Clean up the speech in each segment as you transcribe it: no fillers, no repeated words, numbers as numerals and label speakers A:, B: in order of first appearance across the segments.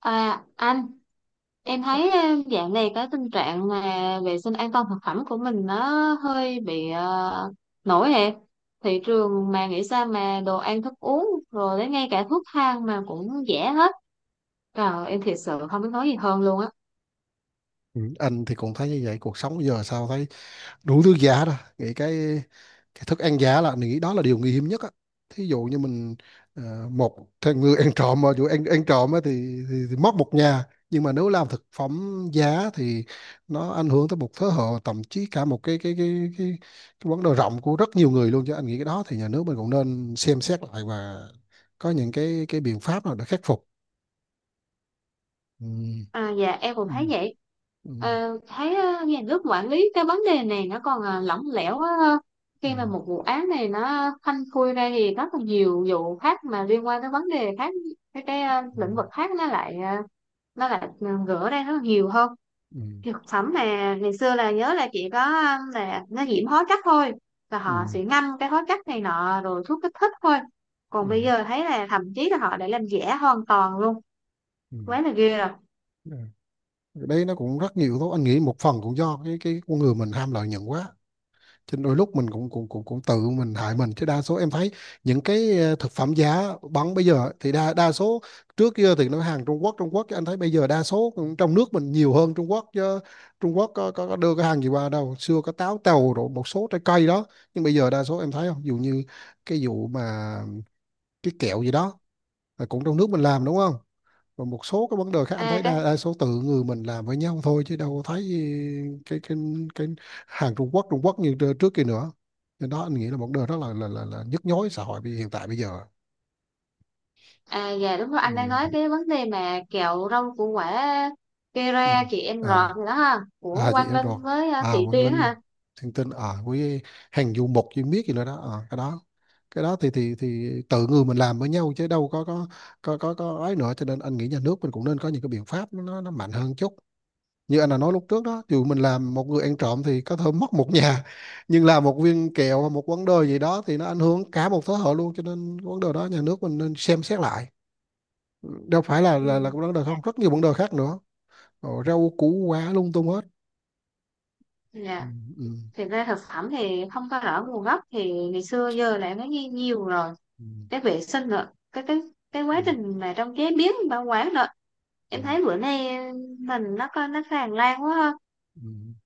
A: À anh, em thấy dạo này cái tình trạng mà vệ sinh an toàn thực phẩm của mình nó hơi bị nổi hẹp. Thị trường mà nghĩ sao mà đồ ăn thức uống rồi đến ngay cả thuốc thang mà cũng rẻ hết. Trời, em thiệt sự không biết nói gì hơn luôn á.
B: Ừ, anh thì cũng thấy như vậy. Cuộc sống giờ sao thấy đủ thứ giá đó, nghĩ cái thức ăn giá là mình nghĩ đó là điều nguy hiểm nhất á. Thí dụ như mình, một thằng người ăn trộm mà dù ăn ăn trộm á thì mất một nhà, nhưng mà nếu làm thực phẩm giá thì nó ảnh hưởng tới một thế hệ, thậm chí cả một cái vấn đề rộng của rất nhiều người luôn, chứ anh nghĩ cái đó thì nhà nước mình cũng nên xem xét lại và có những cái biện pháp nào để khắc phục. Ừ.
A: À, dạ em cũng
B: Ừ.
A: thấy vậy.
B: Ừ.
A: Thấy nhà nước quản lý cái vấn đề này nó còn lỏng lẻo quá ha.
B: Ừ.
A: Khi mà một vụ án này nó phanh phui ra thì rất là nhiều vụ khác mà liên quan tới vấn đề khác, cái
B: Ừ.
A: lĩnh vực khác nó lại gỡ ra rất là nhiều hơn.
B: Ừ.
A: Thực phẩm mà ngày xưa là nhớ là chỉ có là nó nhiễm hóa chất thôi, và họ
B: Ừ.
A: sẽ ngâm cái hóa chất này nọ rồi thuốc kích thích thôi.
B: Ừ.
A: Còn bây giờ thấy là thậm chí là họ đã làm giả hoàn toàn luôn, quá là ghê rồi.
B: Ừ. Đấy nó cũng rất nhiều thôi, anh nghĩ một phần cũng do cái con người mình ham lợi nhuận quá cho nên đôi lúc mình cũng cũng cũng cũng tự mình hại mình, chứ đa số em thấy những cái, thực phẩm giá bắn bây giờ thì đa đa số. Trước kia thì nó hàng Trung Quốc chứ anh thấy bây giờ đa số cũng trong nước mình nhiều hơn Trung Quốc chứ. Trung Quốc có đưa cái hàng gì qua đâu, xưa có táo tàu rồi một số trái cây đó, nhưng bây giờ đa số em thấy không. Ví dụ như cái vụ mà cái kẹo gì đó là cũng trong nước mình làm, đúng không? Còn một số cái vấn đề khác anh
A: À,
B: thấy
A: cái
B: đa số tự người mình làm với nhau thôi chứ đâu có thấy cái cái cái hàng Trung Quốc như trước kia nữa. Nên đó anh nghĩ là một điều rất là nhức nhối xã hội hiện tại bây giờ.
A: À dạ đúng rồi,
B: Ừ.
A: anh đang nói cái vấn đề mà kẹo rau củ quả, cây
B: Ừ.
A: ra chị em
B: à
A: rọt gì đó ha của
B: à, chị
A: Quang
B: em rồi,
A: Linh với
B: à
A: Thị
B: Quang
A: Tuyến
B: Linh,
A: ha.
B: Thiên Tinh à, với hàng du mục chuyên biết gì nữa đó. À, cái đó thì tự người mình làm với nhau chứ đâu có ấy nữa, cho nên anh nghĩ nhà nước mình cũng nên có những cái biện pháp nó mạnh hơn chút. Như anh đã nói lúc trước đó, dù mình làm một người ăn trộm thì có thể mất một nhà, nhưng làm một viên kẹo hoặc một vấn đề gì đó thì nó ảnh hưởng cả một thế hệ luôn, cho nên vấn đề đó nhà nước mình nên xem xét lại. Đâu phải là là
A: Ừ.
B: vấn đề
A: Dạ.
B: không, rất nhiều vấn đề khác nữa. Rau củ quả lung tung hết. Ừ.
A: Dạ.
B: Ừ.
A: Thì ra thực phẩm thì không có rõ nguồn gốc thì ngày xưa giờ lại nó nghe nhiều rồi,
B: Ừ.
A: cái vệ sinh nữa, cái
B: Ừ.
A: quá trình mà trong chế biến bảo quản nữa.
B: Ừ.
A: Em thấy bữa nay mình nó có nó tràn lan quá ha.
B: Ừ.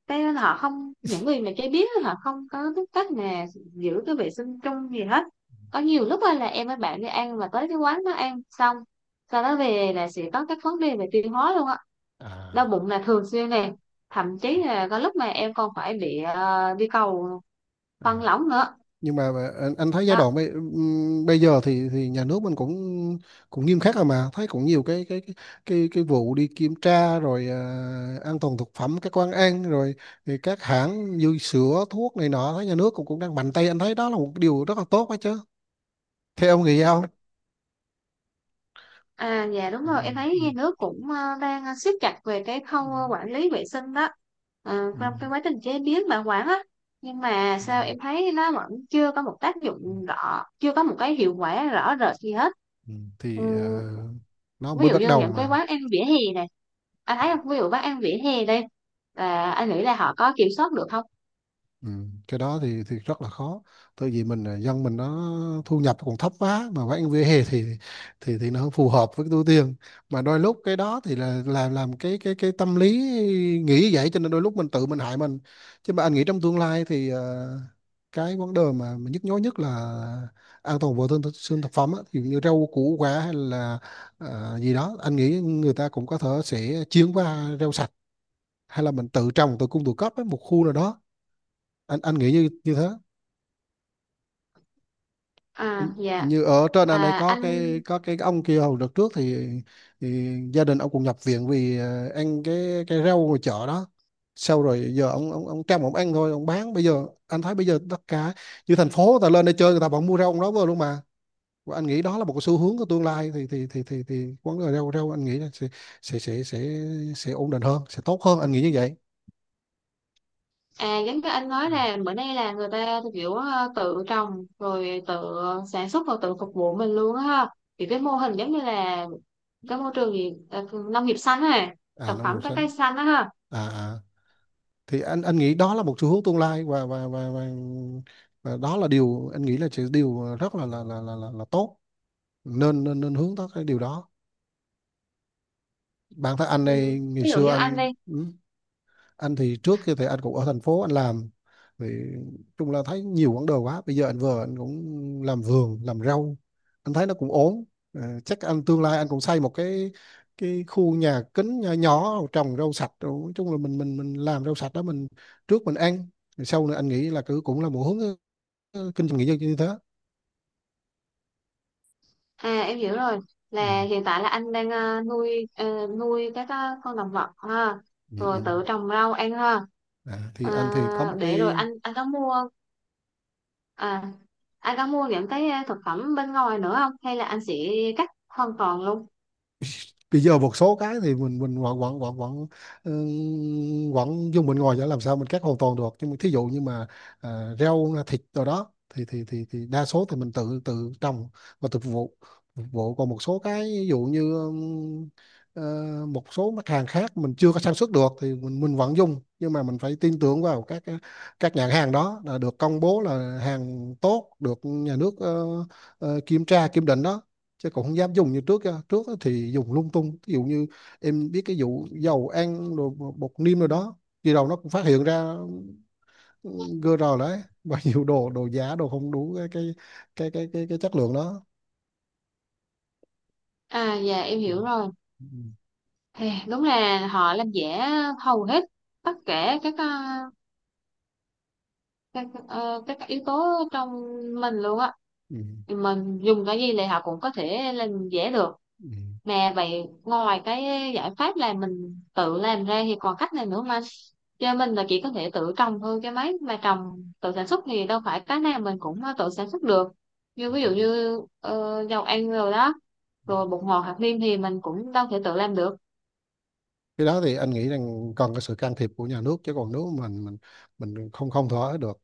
A: Thế nên họ không những người mà chơi biết họ không có biết cách mà giữ cái vệ sinh chung gì hết. Có nhiều lúc á là em với bạn đi ăn mà tới cái quán nó ăn xong, sau đó về là sẽ có các vấn đề về tiêu hóa luôn á, đau
B: À,
A: bụng là thường xuyên nè, thậm chí là có lúc mà em còn phải bị đi cầu phân
B: à.
A: lỏng nữa
B: Nhưng mà anh thấy giai
A: đó.
B: đoạn bây giờ thì nhà nước mình cũng cũng nghiêm khắc rồi, mà thấy cũng nhiều cái vụ đi kiểm tra rồi, an toàn thực phẩm các quán ăn rồi, thì các hãng dư sữa thuốc này nọ thấy nhà nước cũng cũng đang mạnh tay, anh thấy đó là một cái điều rất là tốt đó chứ. Theo ông nghĩ sao?
A: À dạ đúng
B: Ừ.
A: rồi, em thấy
B: Ừ.
A: nhà nước cũng đang siết chặt về cái
B: Ừ.
A: khâu quản lý vệ sinh đó.
B: Ừ.
A: Trong cái quá trình chế biến bảo quản á, nhưng mà
B: Ừ.
A: sao em thấy nó vẫn chưa có một tác
B: Ừ.
A: dụng rõ, chưa có một cái hiệu quả rõ rệt gì hết.
B: Ừ.
A: Ừ,
B: Thì, nó
A: ví
B: mới
A: dụ
B: bắt
A: như
B: đầu
A: những cái
B: mà.
A: quán ăn vỉa hè này, anh thấy không? Ví dụ quán ăn vỉa hè đây, là anh nghĩ là họ có kiểm soát được không?
B: Ừ, cái đó thì rất là khó, tại vì mình là dân mình nó thu nhập còn thấp quá mà bán vỉa hè thì nó không phù hợp với cái túi tiền, mà đôi lúc cái đó thì là làm cái tâm lý nghĩ vậy, cho nên đôi lúc mình tự mình hại mình. Chứ mà anh nghĩ trong tương lai thì, cái vấn đề mà nhức nhối nhất là an toàn vệ sinh sinh thực phẩm á, ví dụ như rau củ quả hay là, gì đó, anh nghĩ người ta cũng có thể sẽ chuyển qua rau sạch, hay là mình tự trồng tự cung tự cấp với một khu nào đó, anh nghĩ như như thế.
A: À dạ,
B: Như ở trên anh đây
A: à
B: có
A: anh.
B: cái có cái ông kia hồi đợt trước thì gia đình ông cũng nhập viện vì, ăn cái rau ngoài chợ đó. Sau rồi giờ ông trăm ông ăn thôi ông bán, bây giờ anh thấy bây giờ tất cả như thành phố người ta lên đây chơi, người ta vẫn mua rau ông đó vô luôn mà. Và anh nghĩ đó là một cái xu hướng của tương lai, thì thì quán cà rau rau anh nghĩ là sẽ sẽ sẽ sẽ sẽ ổn định hơn, sẽ tốt hơn, anh nghĩ như vậy.
A: À giống như anh
B: Ừ.
A: nói là bữa nay là người ta kiểu tự trồng rồi tự sản xuất và tự phục vụ mình luôn á ha. Thì cái mô hình giống như là cái môi trường gì nông nghiệp xanh á,
B: À,
A: thực
B: nông
A: phẩm
B: nghiệp
A: trái
B: xanh.
A: cây xanh á ha.
B: À, thì anh nghĩ đó là một xu hướng tương lai, và và đó là điều anh nghĩ là chỉ điều rất là tốt, nên nên nên hướng tới cái điều đó. Bản thân anh
A: Ừ.
B: này ngày
A: Ví dụ
B: xưa
A: như anh đi,
B: anh, anh thì trước kia thì anh cũng ở thành phố anh làm thì chung là thấy nhiều quãng đời quá, bây giờ anh vừa anh cũng làm vườn làm rau, anh thấy nó cũng ổn. Chắc anh tương lai anh cũng xây một cái khu nhà kính nhỏ nhỏ trồng rau sạch. Rồi nói chung là mình làm rau sạch đó, mình trước mình ăn rồi sau nữa anh nghĩ là cứ cũng là một hướng, kinh doanh nghỉ dưỡng như thế.
A: à em hiểu rồi, là
B: Ừ.
A: hiện tại là anh đang nuôi các con động vật ha,
B: Ừ.
A: rồi
B: Ừ.
A: tự trồng rau ăn ha.
B: À, thì
A: Ờ,
B: anh thì có một
A: để rồi
B: cái,
A: à anh có mua những cái thực phẩm bên ngoài nữa không, hay là anh sẽ cắt hoàn toàn luôn?
B: bây giờ một số cái thì mình vẫn vẫn vẫn vẫn ừ, vẫn dùng, mình ngồi để làm sao mình cắt hoàn toàn được. Nhưng mà thí dụ như mà, rau thịt rồi đó thì thì đa số thì mình tự tự trồng và tự phục vụ còn một số cái ví dụ như, ờ, một số mặt hàng khác mình chưa có sản xuất được thì mình vẫn dùng. Nhưng mà mình phải tin tưởng vào các các nhãn hàng đó là được công bố là hàng tốt, được nhà nước, kiểm tra kiểm định đó, chứ cũng không dám dùng như trước á. Trước á thì dùng lung tung, ví dụ như em biết cái vụ dầu ăn rồi bột niêm rồi đó, khi đầu nó cũng phát hiện ra GR đấy và nhiều đồ đồ giả đồ không đủ cái chất lượng đó.
A: À dạ em
B: Ừ.
A: hiểu rồi. Thì đúng là họ làm giả hầu hết tất cả các yếu tố trong mình luôn á.
B: Ừ. Ừ.
A: Mình dùng cái gì thì họ cũng có thể làm giả được.
B: Ừ.
A: Mà vậy ngoài cái giải pháp là mình tự làm ra thì còn cách này nữa mà. Cho mình là chỉ có thể tự trồng thôi, cái máy mà trồng tự sản xuất thì đâu phải cái nào mình cũng tự sản xuất được. Như ví dụ như dầu ăn rồi đó, rồi bột ngọt hạt nêm thì mình cũng đâu thể tự làm được.
B: Cái đó thì anh nghĩ rằng cần cái sự can thiệp của nhà nước, chứ còn nếu mình không không thỏa được,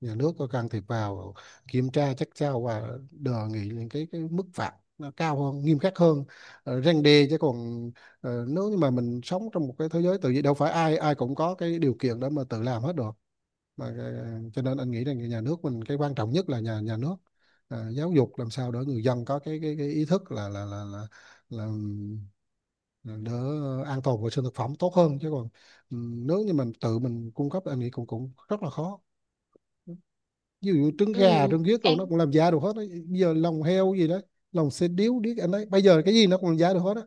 B: nhà nước có can thiệp vào kiểm tra chắc sao, và đề nghị những cái mức phạt nó cao hơn, nghiêm khắc hơn, răn đe. Chứ còn, nếu như mà mình sống trong một cái thế giới tự nhiên đâu phải ai ai cũng có cái điều kiện để mà tự làm hết được, mà cho nên anh nghĩ rằng nhà nước mình cái quan trọng nhất là nhà nhà nước, giáo dục làm sao để người dân có cái ý thức là là đỡ, an toàn vệ sinh thực phẩm tốt hơn. Chứ còn, ừ, nếu như mình tự mình cung cấp anh nghĩ cũng cũng rất là khó, ví dụ trứng
A: Ừ
B: gà trứng ghiếc đồ
A: em,
B: nó cũng làm giả được hết đó. Bây giờ lòng heo gì đó, lòng xe điếu điếc anh ấy, bây giờ cái gì nó cũng làm giả được hết á.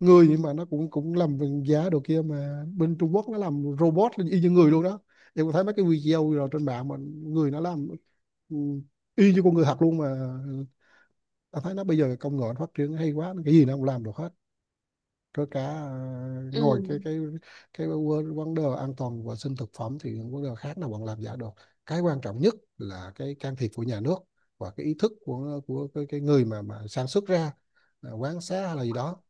B: Người, nhưng mà nó cũng cũng làm bằng giả đồ kia mà, bên Trung Quốc nó làm robot y như người luôn đó, em có thấy mấy cái video rồi trên mạng mà, người nó làm, ừ, y như con người thật luôn mà. Ta thấy nó bây giờ công nghệ nó phát triển hay quá, cái gì nó cũng làm được hết, có cả, ngồi
A: ừ,
B: cái vấn vấn đề an toàn vệ sinh thực phẩm thì vấn đề khác nào bọn làm giả được. Cái quan trọng nhất là cái can thiệp của nhà nước và cái ý thức của cái người mà sản xuất ra, quán xá hay là gì đó,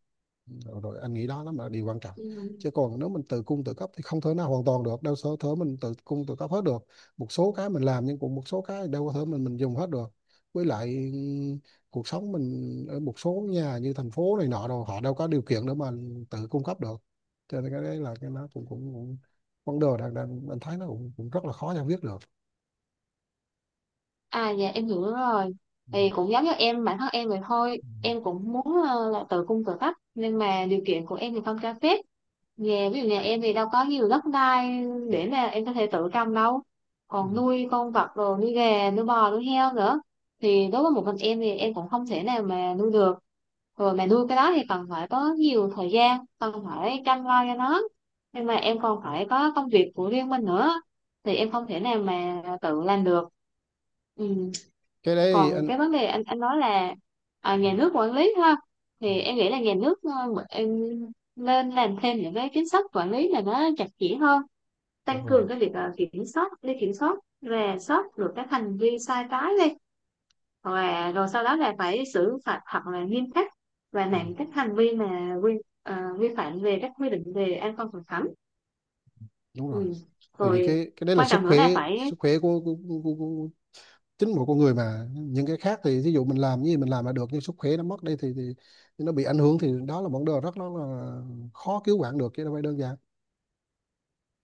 B: rồi anh nghĩ đó nó là điều quan trọng.
A: ừ.
B: Chứ còn nếu mình tự cung tự cấp thì không thể nào hoàn toàn được đâu, sở thể mình tự cung tự cấp hết được, một số cái mình làm nhưng cũng một số cái đâu có thể mình dùng hết được. Với lại, cuộc sống mình ở một số nhà như thành phố này nọ rồi họ đâu có điều kiện để mà tự cung cấp được, cho nên cái đấy là cái nó cũng cũng, cũng vấn đề đang đang anh thấy nó cũng rất là khó giải quyết được.
A: À dạ em hiểu rồi,
B: Ừ.
A: thì cũng giống như em, bản thân em vậy thôi,
B: Ừ.
A: em cũng muốn là tự cung tự cấp nhưng mà điều kiện của em thì không cho phép. Ví dụ nhà em thì đâu có nhiều đất đai để mà em có thể tự trồng đâu,
B: Ừ.
A: còn nuôi con vật rồi nuôi gà nuôi bò nuôi heo nữa thì đối với một mình em thì em cũng không thể nào mà nuôi được. Rồi mà nuôi cái đó thì cần phải có nhiều thời gian, cần phải chăm lo cho nó, nhưng mà em còn phải có công việc của riêng mình nữa thì em không thể nào mà tự làm được. Ừ.
B: Cái đấy
A: Còn
B: anh.
A: cái vấn đề anh nói là
B: Ừ,
A: nhà nước quản lý ha,
B: ừ,
A: thì em nghĩ là nhà nước, em nên làm thêm những cái chính sách quản lý là nó chặt chẽ hơn,
B: đúng
A: tăng
B: rồi,
A: cường cái việc kiểm soát đi kiểm soát, rà soát được các hành vi sai trái đi, hoặc là rồi sau đó là phải xử phạt thật là nghiêm khắc và
B: ừ,
A: nặng các hành vi mà vi phạm về các quy định về an toàn thực phẩm.
B: đúng rồi.
A: Ừ.
B: Tại vì
A: Rồi
B: cái đấy là
A: quan
B: sức
A: trọng nữa
B: khỏe,
A: là phải.
B: sức khỏe của chính một con người, mà những cái khác thì ví dụ mình làm như gì mình làm là được, nhưng sức khỏe nó mất đi thì nó bị ảnh hưởng thì đó là vấn đề rất là khó cứu vãn được, chứ đâu phải đơn giản.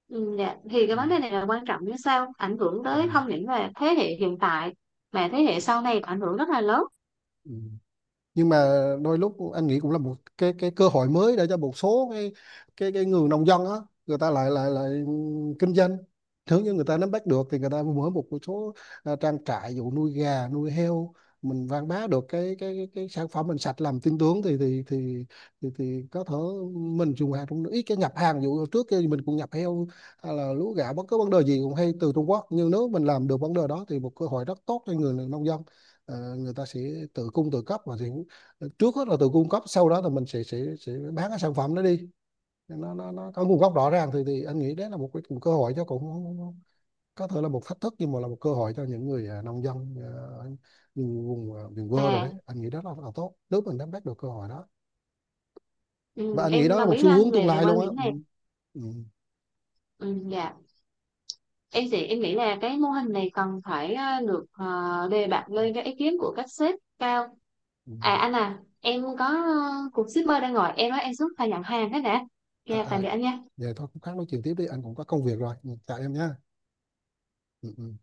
A: Ừ, dạ, thì cái
B: Ừ.
A: vấn đề này là quan trọng, như sau ảnh hưởng
B: Ừ.
A: tới không những là thế hệ hiện tại mà thế hệ sau này ảnh hưởng rất là lớn.
B: Ừ. Nhưng mà đôi lúc anh nghĩ cũng là một cái cơ hội mới, để cho một số cái người nông dân á, người ta lại lại lại kinh doanh. Nếu như người ta nắm bắt được thì người ta mở một số, trang trại dụ nuôi gà nuôi heo, mình quảng bá được cái sản phẩm mình sạch làm tin tưởng thì thì có thể mình dùng hàng trong nước, ít cái nhập hàng dụ. Trước kia thì mình cũng nhập heo hay là lúa gạo bất cứ vấn đề gì cũng hay từ Trung Quốc, nhưng nếu mình làm được vấn đề đó thì một cơ hội rất tốt cho người nông dân. Người ta sẽ tự cung tự cấp, và sẽ trước hết là từ cung cấp, sau đó thì mình sẽ bán cái sản phẩm đó đi, nó có nguồn gốc rõ ràng, thì anh nghĩ đấy là một cái, một cơ hội cho cũng có thể là một thách thức, nhưng mà là một cơ hội cho những người, nông dân, những vùng, miền quê rồi
A: À,
B: đấy, anh nghĩ đó là tốt nếu mình nắm bắt được cơ hội đó. Và
A: ừ,
B: anh nghĩ
A: em
B: đó là
A: đồng
B: một
A: ý với
B: xu
A: anh
B: hướng tương
A: về
B: lai
A: quan
B: luôn á.
A: điểm
B: Ừ.
A: này.
B: Ừ.
A: Ừ, dạ, em thì em nghĩ là cái mô hình này cần phải được đề bạt lên cái ý kiến của các sếp cao.
B: Ừ.
A: À anh, em có cuộc shipper đang gọi em nói em xuống phải nhận hàng thế nè,
B: À,
A: nha tạm
B: à.
A: biệt anh nha.
B: Vậy thôi cũng khác, nói chuyện tiếp đi, anh cũng có công việc rồi. Ừ, chào em nhé. Ừ. Ừ.